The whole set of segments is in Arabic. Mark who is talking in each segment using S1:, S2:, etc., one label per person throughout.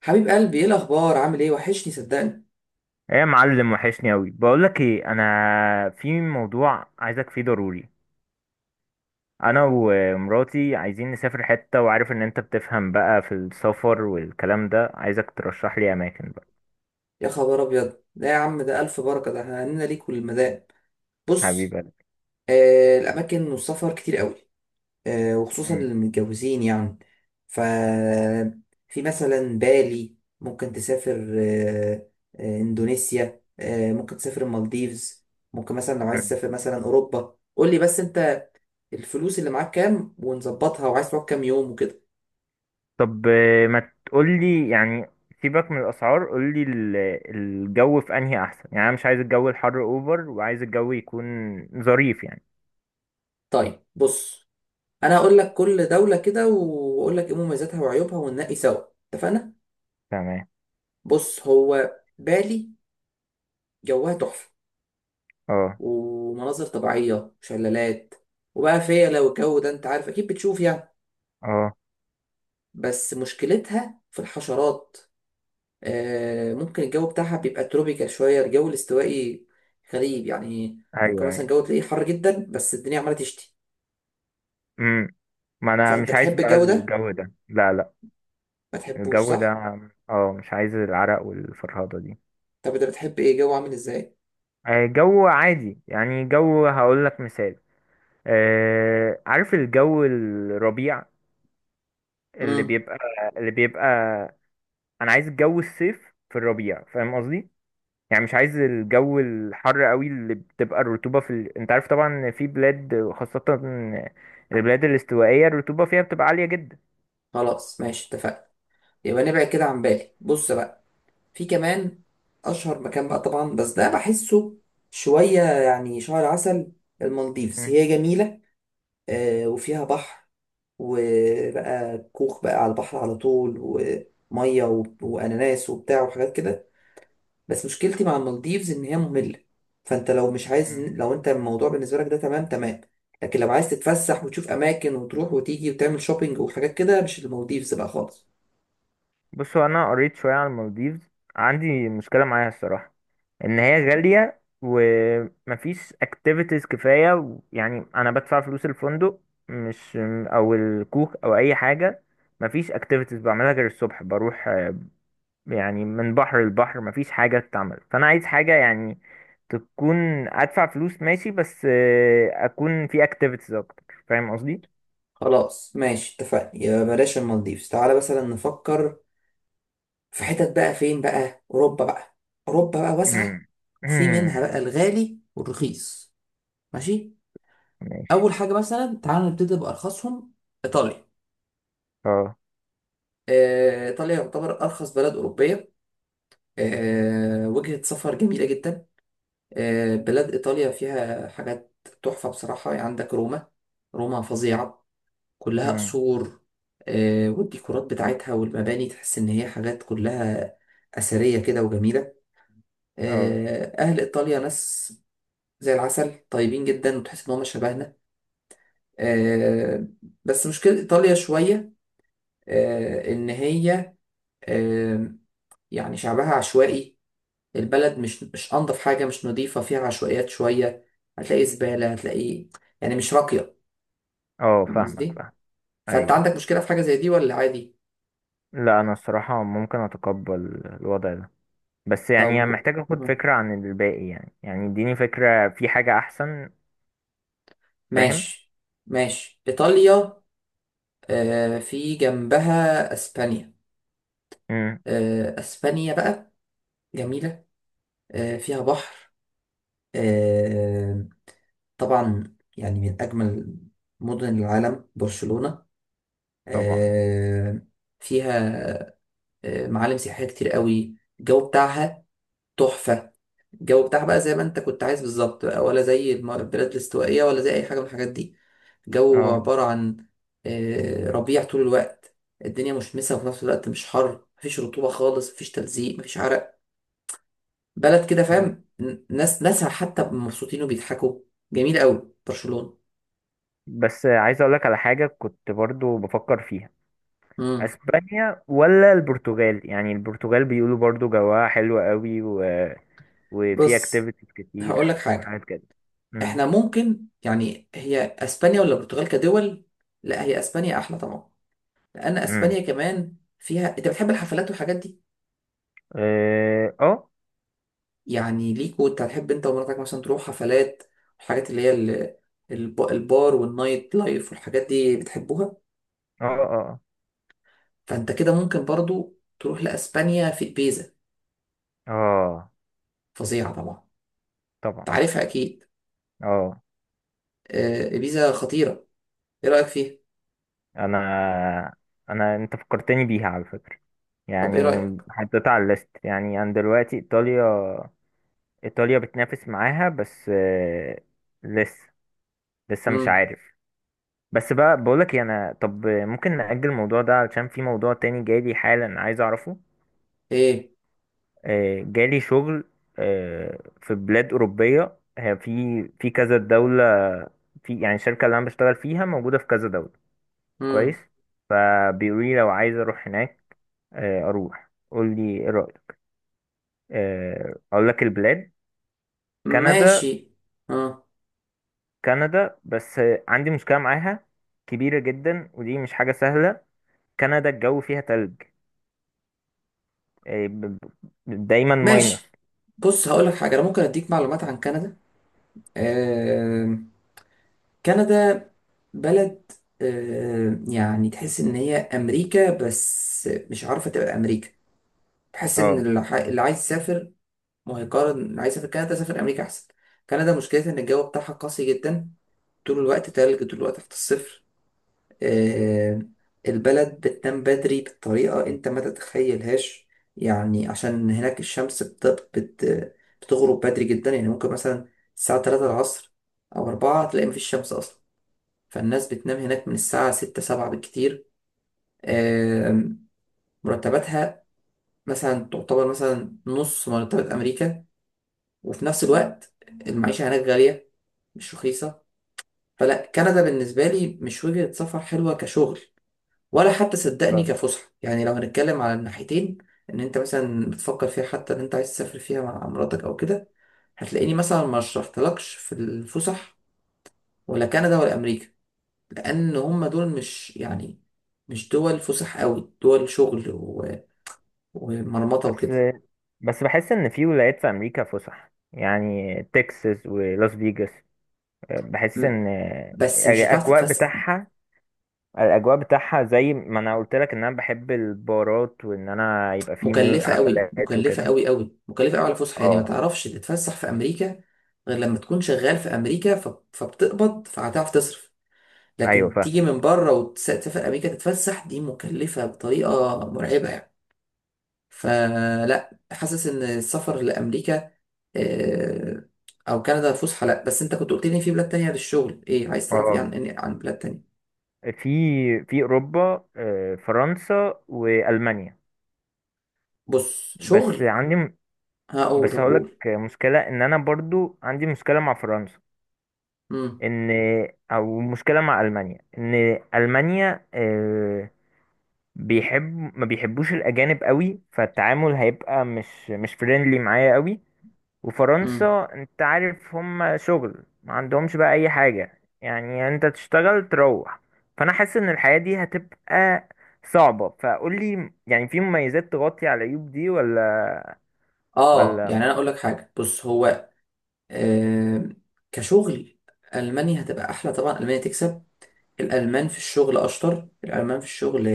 S1: حبيب قلبي، ايه الاخبار؟ عامل ايه؟ وحشني صدقني.
S2: ايه يا معلم، وحشني اوي. بقولك ايه، انا في موضوع عايزك فيه ضروري. انا ومراتي عايزين نسافر حتة، وعارف ان انت بتفهم بقى في السفر والكلام ده، عايزك ترشح لي اماكن بقى.
S1: يا خبر ابيض! لا يا عم، ده الف بركه، ده احنا هنينا ليك وللمدام. بص،
S2: حبيبي.
S1: الاماكن والسفر كتير قوي. وخصوصا
S2: مم.
S1: للمتجوزين يعني. ف في مثلا بالي، ممكن تسافر، اندونيسيا، ممكن تسافر المالديفز. ممكن مثلا لو عايز
S2: مم.
S1: تسافر مثلا اوروبا قول لي. بس انت الفلوس اللي معاك كام ونظبطها، وعايز تقعد كام يوم وكده.
S2: طب، ما تقولي يعني. سيبك من الاسعار، قولي الجو في انهي احسن، يعني انا مش عايز الجو الحر اوفر، وعايز الجو يكون ظريف يعني.
S1: طيب بص، انا هقول لك كل دولة كده واقول لك ايه مميزاتها وعيوبها وننقي سوا. اتفقنا؟
S2: تمام.
S1: بص، هو بالي جوها تحفة،
S2: اه،
S1: ومناظر طبيعية وشلالات. وبقى فيا، لو الجو ده انت عارف اكيد بتشوف يعني.
S2: اه.
S1: بس مشكلتها في الحشرات. ممكن الجو بتاعها بيبقى تروبيكال شوية، الجو الاستوائي غريب يعني. ممكن
S2: ايوه،
S1: مثلا
S2: ايوه.
S1: الجو تلاقيه حر جدا بس الدنيا عمالة تشتي.
S2: مم. ما انا
S1: فانت
S2: مش عايز
S1: تحب
S2: بقى
S1: الجو ده؟
S2: الجو ده، لا، لا.
S1: ما تحبوش
S2: الجو ده،
S1: صح؟
S2: اه، مش عايز العرق والفرهضة دي.
S1: طب انت بتحب ايه؟ جو عامل ازاي؟
S2: جو عادي، يعني جو، هقول لك مثال. عارف الجو الربيع اللي
S1: امم
S2: بيبقى اللي بيبقى انا عايز الجو الصيف في الربيع، فاهم قصدي. يعني مش عايز الجو الحر قوي، اللي بتبقى الرطوبة انت عارف طبعا إن في بلاد خاصة، البلاد الاستوائية الرطوبة فيها بتبقى عالية جدا.
S1: خلاص، ماشي اتفقنا. يبقى نبعد كده عن بالي. بص بقى، في كمان اشهر مكان بقى طبعا، بس ده بحسه شويه يعني شهر عسل. المالديفز
S2: مم.
S1: هي جميله، وفيها بحر، وبقى كوخ بقى على البحر على طول، وميه واناناس وبتاع وحاجات كده. بس مشكلتي مع المالديفز ان هي ممله. فانت لو مش عايز،
S2: مم.
S1: لو انت الموضوع بالنسبه لك ده تمام تمام. لكن لو عايز تتفسح وتشوف اماكن وتروح وتيجي وتعمل شوبينج وحاجات كده، مش المالديفز بقى خالص.
S2: بصوا، انا قريت شوية عن المالديفز. عندي مشكلة معاها الصراحة، ان هي غالية ومفيش اكتيفيتيز كفاية، يعني انا بدفع فلوس الفندق، مش او الكوك او اي حاجة. مفيش اكتيفيتيز بعملها غير الصبح بروح، يعني من بحر لبحر مفيش حاجة تتعمل، فانا عايز حاجة يعني تكون. ادفع فلوس ماشي، بس اكون في اكتيفيتيز اكتر، فاهم قصدي.
S1: خلاص، ماشي اتفقنا. يبقى بلاش المالديفز، تعالى مثلا نفكر في حتت بقى. فين بقى؟ أوروبا بقى. أوروبا بقى واسعة،
S2: مم.
S1: وفي
S2: مم.
S1: منها بقى الغالي والرخيص. ماشي.
S2: ماشي.
S1: أول حاجة مثلا تعالى نبتدي بأرخصهم، إيطاليا.
S2: اه.
S1: إيطاليا يعتبر أرخص بلد أوروبية. وجهة سفر جميلة جدا. بلاد إيطاليا فيها حاجات تحفة بصراحة. يعني عندك روما، روما فظيعة، كلها
S2: مم.
S1: قصور. والديكورات بتاعتها والمباني تحس إن هي حاجات كلها أثرية كده وجميلة.
S2: اه،
S1: أهل إيطاليا ناس زي العسل، طيبين جدا، وتحس إن هم شبهنا. آه، بس مشكلة إيطاليا شوية، إن هي آه، يعني شعبها عشوائي. البلد مش أنظف حاجة، مش نظيفة، فيها عشوائيات شوية. هتلاقي زبالة، هتلاقي يعني مش راقية.
S2: اه.
S1: فاهم
S2: فاهمك،
S1: قصدي؟
S2: فاهم.
S1: فأنت
S2: ايوه.
S1: عندك مشكلة في حاجة زي دي ولا عادي؟
S2: لا، انا الصراحة ممكن اتقبل الوضع ده، بس يعني أنا
S1: طب
S2: محتاج اخد فكرة عن الباقي، يعني اديني فكرة في حاجة احسن. فاهم.
S1: ماشي، إيطاليا. في جنبها أسبانيا.
S2: امم.
S1: أسبانيا بقى جميلة، فيها بحر، آه طبعا يعني من أجمل مدن العالم برشلونة.
S2: طبعا.
S1: آه فيها معالم سياحية كتير قوي. الجو بتاعها تحفة. الجو بتاعها بقى زي ما انت كنت عايز بالظبط بقى، ولا زي البلاد الاستوائية، ولا زي اي حاجة من الحاجات دي. الجو
S2: اه.
S1: عبارة عن ربيع طول الوقت. الدنيا مشمسة، وفي نفس الوقت مش حر، مفيش رطوبة خالص، مفيش تلزيق، مفيش عرق. بلد كده فاهم. ناسها حتى مبسوطين وبيضحكوا. جميل قوي برشلونة.
S2: بس عايز اقولك على حاجة كنت برضو بفكر فيها.
S1: امم
S2: اسبانيا ولا البرتغال، يعني البرتغال بيقولوا برضو جواها حلو قوي، وفي
S1: بص،
S2: اكتيفيتيز
S1: هقول لك
S2: كتير
S1: حاجة.
S2: وحاجات كده. امم
S1: احنا ممكن يعني، هي اسبانيا ولا البرتغال كدول؟ لا، هي اسبانيا احلى طبعا، لان
S2: امم.
S1: اسبانيا كمان فيها، انت بتحب الحفلات والحاجات دي.
S2: اه، اه،
S1: يعني ليك، وانت هتحب انت ومراتك مثلا تروح حفلات. الحاجات اللي هي البار والنايت لايف والحاجات دي بتحبوها.
S2: اه،
S1: فانت كده ممكن برضو تروح لاسبانيا، في ابيزا.
S2: اه.
S1: فظيعه طبعا،
S2: طبعا.
S1: انت عارفها اكيد.
S2: اه.
S1: ابيزا خطيره. ايه رايك فيها؟
S2: انا انا انت فكرتني بيها على فكرة،
S1: طب
S2: يعني
S1: ايه رايك؟
S2: حطيتها على الليست، يعني انا دلوقتي ايطاليا، ايطاليا بتنافس معاها، بس لسه لسه مش
S1: امم
S2: عارف. بس بقى بقولك إيه، انا طب ممكن نأجل الموضوع ده علشان في موضوع تاني جالي حالا عايز اعرفه.
S1: ايه؟
S2: جالي شغل. في بلاد أوروبية، هي في كذا دولة. في يعني الشركة اللي أنا بشتغل فيها موجودة في كذا دولة. كويس.
S1: امم
S2: فبيقولي لو عايز أروح هناك، اروح، قول لي ايه رايك. اقول لك البلاد. كندا.
S1: ماشي. اه،
S2: كندا، بس عندي مشكله معاها كبيره جدا، ودي مش حاجه سهله. كندا الجو فيها تلج، آه، ب- دايما ماينس.
S1: ماشي. بص هقول لك حاجه، انا ممكن اديك معلومات عن كندا. آه، كندا بلد، يعني تحس ان هي امريكا بس مش عارفه تبقى امريكا. تحس ان
S2: اه،
S1: اللي عايز يسافر ما هيقارن. اللي عايز يسافر كندا سافر امريكا احسن. كندا مشكلتها ان الجو بتاعها قاسي جدا، طول الوقت تلج، طول الوقت تحت الصفر. آه، البلد بتنام بدري بطريقه انت ما تتخيلهاش. يعني عشان هناك الشمس بت... بتغرب بدري جدا. يعني ممكن مثلا الساعه 3 العصر او 4 تلاقي مفيش شمس اصلا. فالناس بتنام هناك من الساعة ستة سبعة بالكتير. آم، مرتباتها مثلا تعتبر مثلا نص مرتبات أمريكا. وفي نفس الوقت المعيشة هناك غالية، مش رخيصة. فلا كندا بالنسبة لي مش وجهة سفر حلوة كشغل، ولا حتى صدقني
S2: اه.
S1: كفسحة، يعني لو هنتكلم على الناحيتين. إن أنت مثلا بتفكر فيها، حتى إن أنت عايز تسافر فيها مع مراتك أو كده، هتلاقيني مثلا ما شرحتلكش في الفسح، ولا كندا ولا أمريكا. لان هم دول مش، يعني مش دول فسح قوي، دول شغل ومرمطه
S2: بس
S1: وكده.
S2: بحس ان في ولايات في امريكا فسح، يعني تكساس ولاس فيجاس. بحس
S1: م-
S2: ان
S1: بس مش هتعرف
S2: الاجواء
S1: تتفسح.
S2: بتاعها الاجواء بتاعها زي ما انا قلت لك ان انا بحب البارات، وان انا يبقى في
S1: مكلفه قوي،
S2: حفلات
S1: مكلفه
S2: وكده.
S1: قوي قوي، مكلفه قوي على الفسحه، يعني ما
S2: اه.
S1: تعرفش تتفسح في امريكا غير لما تكون شغال في امريكا، فبتقبض فهتعرف تصرف.
S2: ايوه،
S1: لكن
S2: فاهم.
S1: تيجي من بره وتسافر امريكا تتفسح، دي مكلفه بطريقه مرعبه يعني. فلا حاسس ان السفر لامريكا آه، او كندا فسحه. لا، بس انت كنت قلت لي في بلاد تانية للشغل، ايه عايز تعرف؟ ايه
S2: اه،
S1: عن بلاد تانية؟
S2: في اوروبا، فرنسا والمانيا.
S1: بص،
S2: بس
S1: شغل
S2: عندي م-
S1: هقول.
S2: بس
S1: طب
S2: هقولك
S1: قول.
S2: مشكله ان انا برضو عندي مشكله مع فرنسا.
S1: امم
S2: ان او مشكله مع المانيا، ان المانيا بيحب ما بيحبوش الاجانب قوي، فالتعامل هيبقى مش فريندلي معايا قوي.
S1: امم
S2: وفرنسا انت عارف هم شغل، ما عندهمش بقى اي حاجة يعني، انت تشتغل تروح. فانا حاسس ان الحياة دي هتبقى صعبة، فقول لي يعني في مميزات تغطي على العيوب دي ولا؟
S1: اه،
S2: ولا
S1: يعني
S2: م-
S1: انا اقول لك حاجه. بص هو، آه كشغل المانيا هتبقى احلى طبعا. المانيا تكسب. الالمان في الشغل اشطر، الالمان في الشغل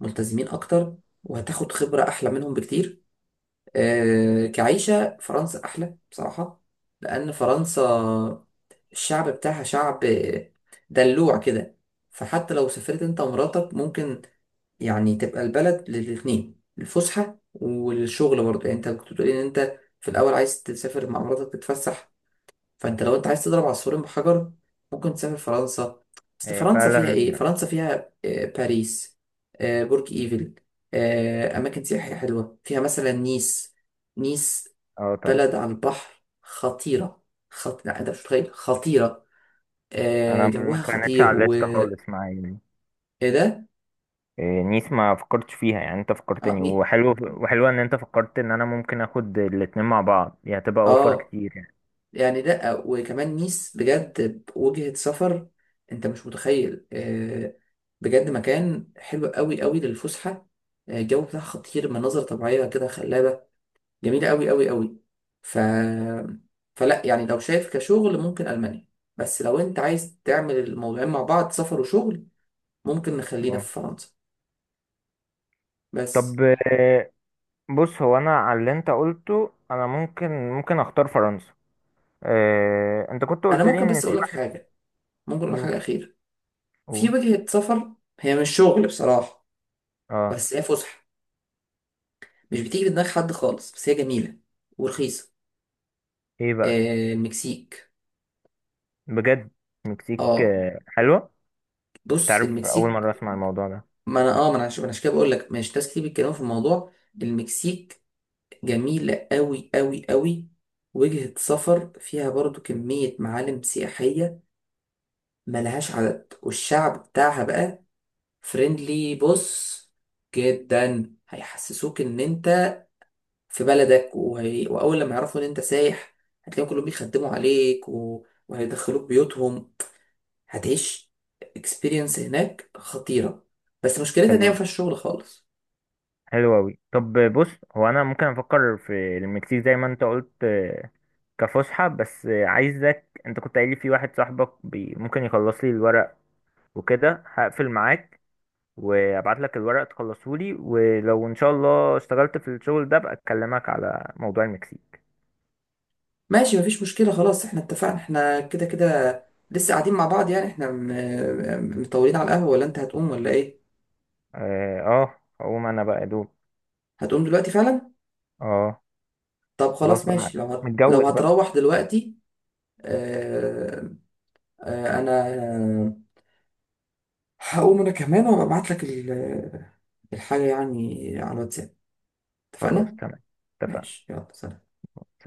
S1: ملتزمين اكتر، وهتاخد خبره احلى منهم بكتير. كعيشة، فرنسا أحلى بصراحة. لأن فرنسا الشعب بتاعها شعب دلوع كده. فحتى لو سافرت أنت ومراتك، ممكن يعني تبقى البلد للاتنين الفسحة والشغل برضه. يعني أنت كنت بتقولي إن أنت في الأول عايز تسافر مع مراتك تتفسح. فانت لو انت عايز تضرب عصفورين بحجر، ممكن تسافر فرنسا. بس
S2: هي
S1: فرنسا فيها
S2: فعلا،
S1: ايه؟ فرنسا فيها باريس، برج ايفل، اماكن سياحية حلوة، فيها مثلا نيس. نيس
S2: اه، طبعا.
S1: بلد على البحر، خطيرة. لا، انت مش متخيل خطيرة.
S2: انا ما
S1: جوها
S2: كانتش
S1: خطير
S2: على
S1: و
S2: الليست
S1: ايه
S2: خالص معايا يعني.
S1: ده.
S2: إيه، نيس، ما فكرتش فيها، يعني انت
S1: اه
S2: فكرتني،
S1: ني...
S2: وحلو، وحلوة ان انت فكرت ان انا ممكن اخد الاتنين مع بعض، دي هتبقى اوفر
S1: اه
S2: كتير يعني.
S1: يعني لا، وكمان نيس بجد وجهة سفر. انت مش متخيل، بجد مكان حلو قوي قوي للفسحة. الجو بتاعها خطير، مناظر طبيعية كده خلابة، جميلة قوي قوي قوي. ف... فلا يعني لو شايف كشغل ممكن ألمانيا. بس لو انت عايز تعمل الموضوعين مع بعض، سفر وشغل، ممكن نخلينا
S2: اه.
S1: في فرنسا.
S2: طب،
S1: بس
S2: بص، هو انا على اللي انت قلته، انا ممكن اختار فرنسا. اه، انت كنت
S1: انا
S2: قلت لي
S1: ممكن
S2: ان
S1: بس
S2: في
S1: اقول لك
S2: واحد.
S1: حاجة، ممكن اقول لك
S2: أوه،
S1: حاجة أخيرة. في
S2: أوه.
S1: وجهة سفر، هي مش شغل بصراحة،
S2: اه.
S1: بس هي فسحة. مش بتيجي في دماغ حد خالص، بس هي جميلة ورخيصة.
S2: ايه بقى؟
S1: المكسيك.
S2: بجد؟ مكسيك،
S1: اه،
S2: حلوة.
S1: بص
S2: تعرف، اول
S1: المكسيك.
S2: مرة اسمع الموضوع ده.
S1: ما انا اه ما انا عش- ما أنا عشان كده بقول لك، مش ناس كتير بيتكلموا في الموضوع. المكسيك جميلة قوي قوي قوي، وجهة سفر فيها برضو كمية معالم سياحية ملهاش عدد. والشعب بتاعها بقى فريندلي بص، جدا، هيحسسوك ان انت في بلدك. واول لما يعرفوا ان انت سايح، هتلاقيهم كلهم بيخدموا عليك وهيدخلوك بيوتهم. هتعيش اكسبيرينس هناك خطيرة. بس مشكلتها ان هي
S2: حلو،
S1: ما فيهاش شغل خالص.
S2: حلو اوي، طب بص. هو انا ممكن افكر في المكسيك زي ما انت قلت، كفسحة، بس عايزك، انت كنت قايل لي في واحد صاحبك ممكن يخلص لي الورق وكده، هقفل معاك، وابعت لك الورق تخلصهولي، ولو ان شاء الله اشتغلت في الشغل ده بقى اكلمك على موضوع المكسيك.
S1: ماشي مفيش مشكلة، خلاص احنا اتفقنا، احنا كده كده لسه قاعدين مع بعض يعني. احنا مطولين على القهوة، ولا انت هتقوم ولا ايه؟
S2: اه، هقوم انا بقى يا دوب.
S1: هتقوم دلوقتي فعلا؟
S2: اه.
S1: طب
S2: خلاص
S1: خلاص
S2: بقى،
S1: ماشي، لو
S2: متجوز بقى.
S1: هتروح دلوقتي، اه... اه... انا هقوم انا كمان وابعت لك الحاجة يعني على الواتساب.
S2: خلاص،
S1: اتفقنا؟
S2: تمام، اتفقنا.
S1: ماشي، يلا سلام.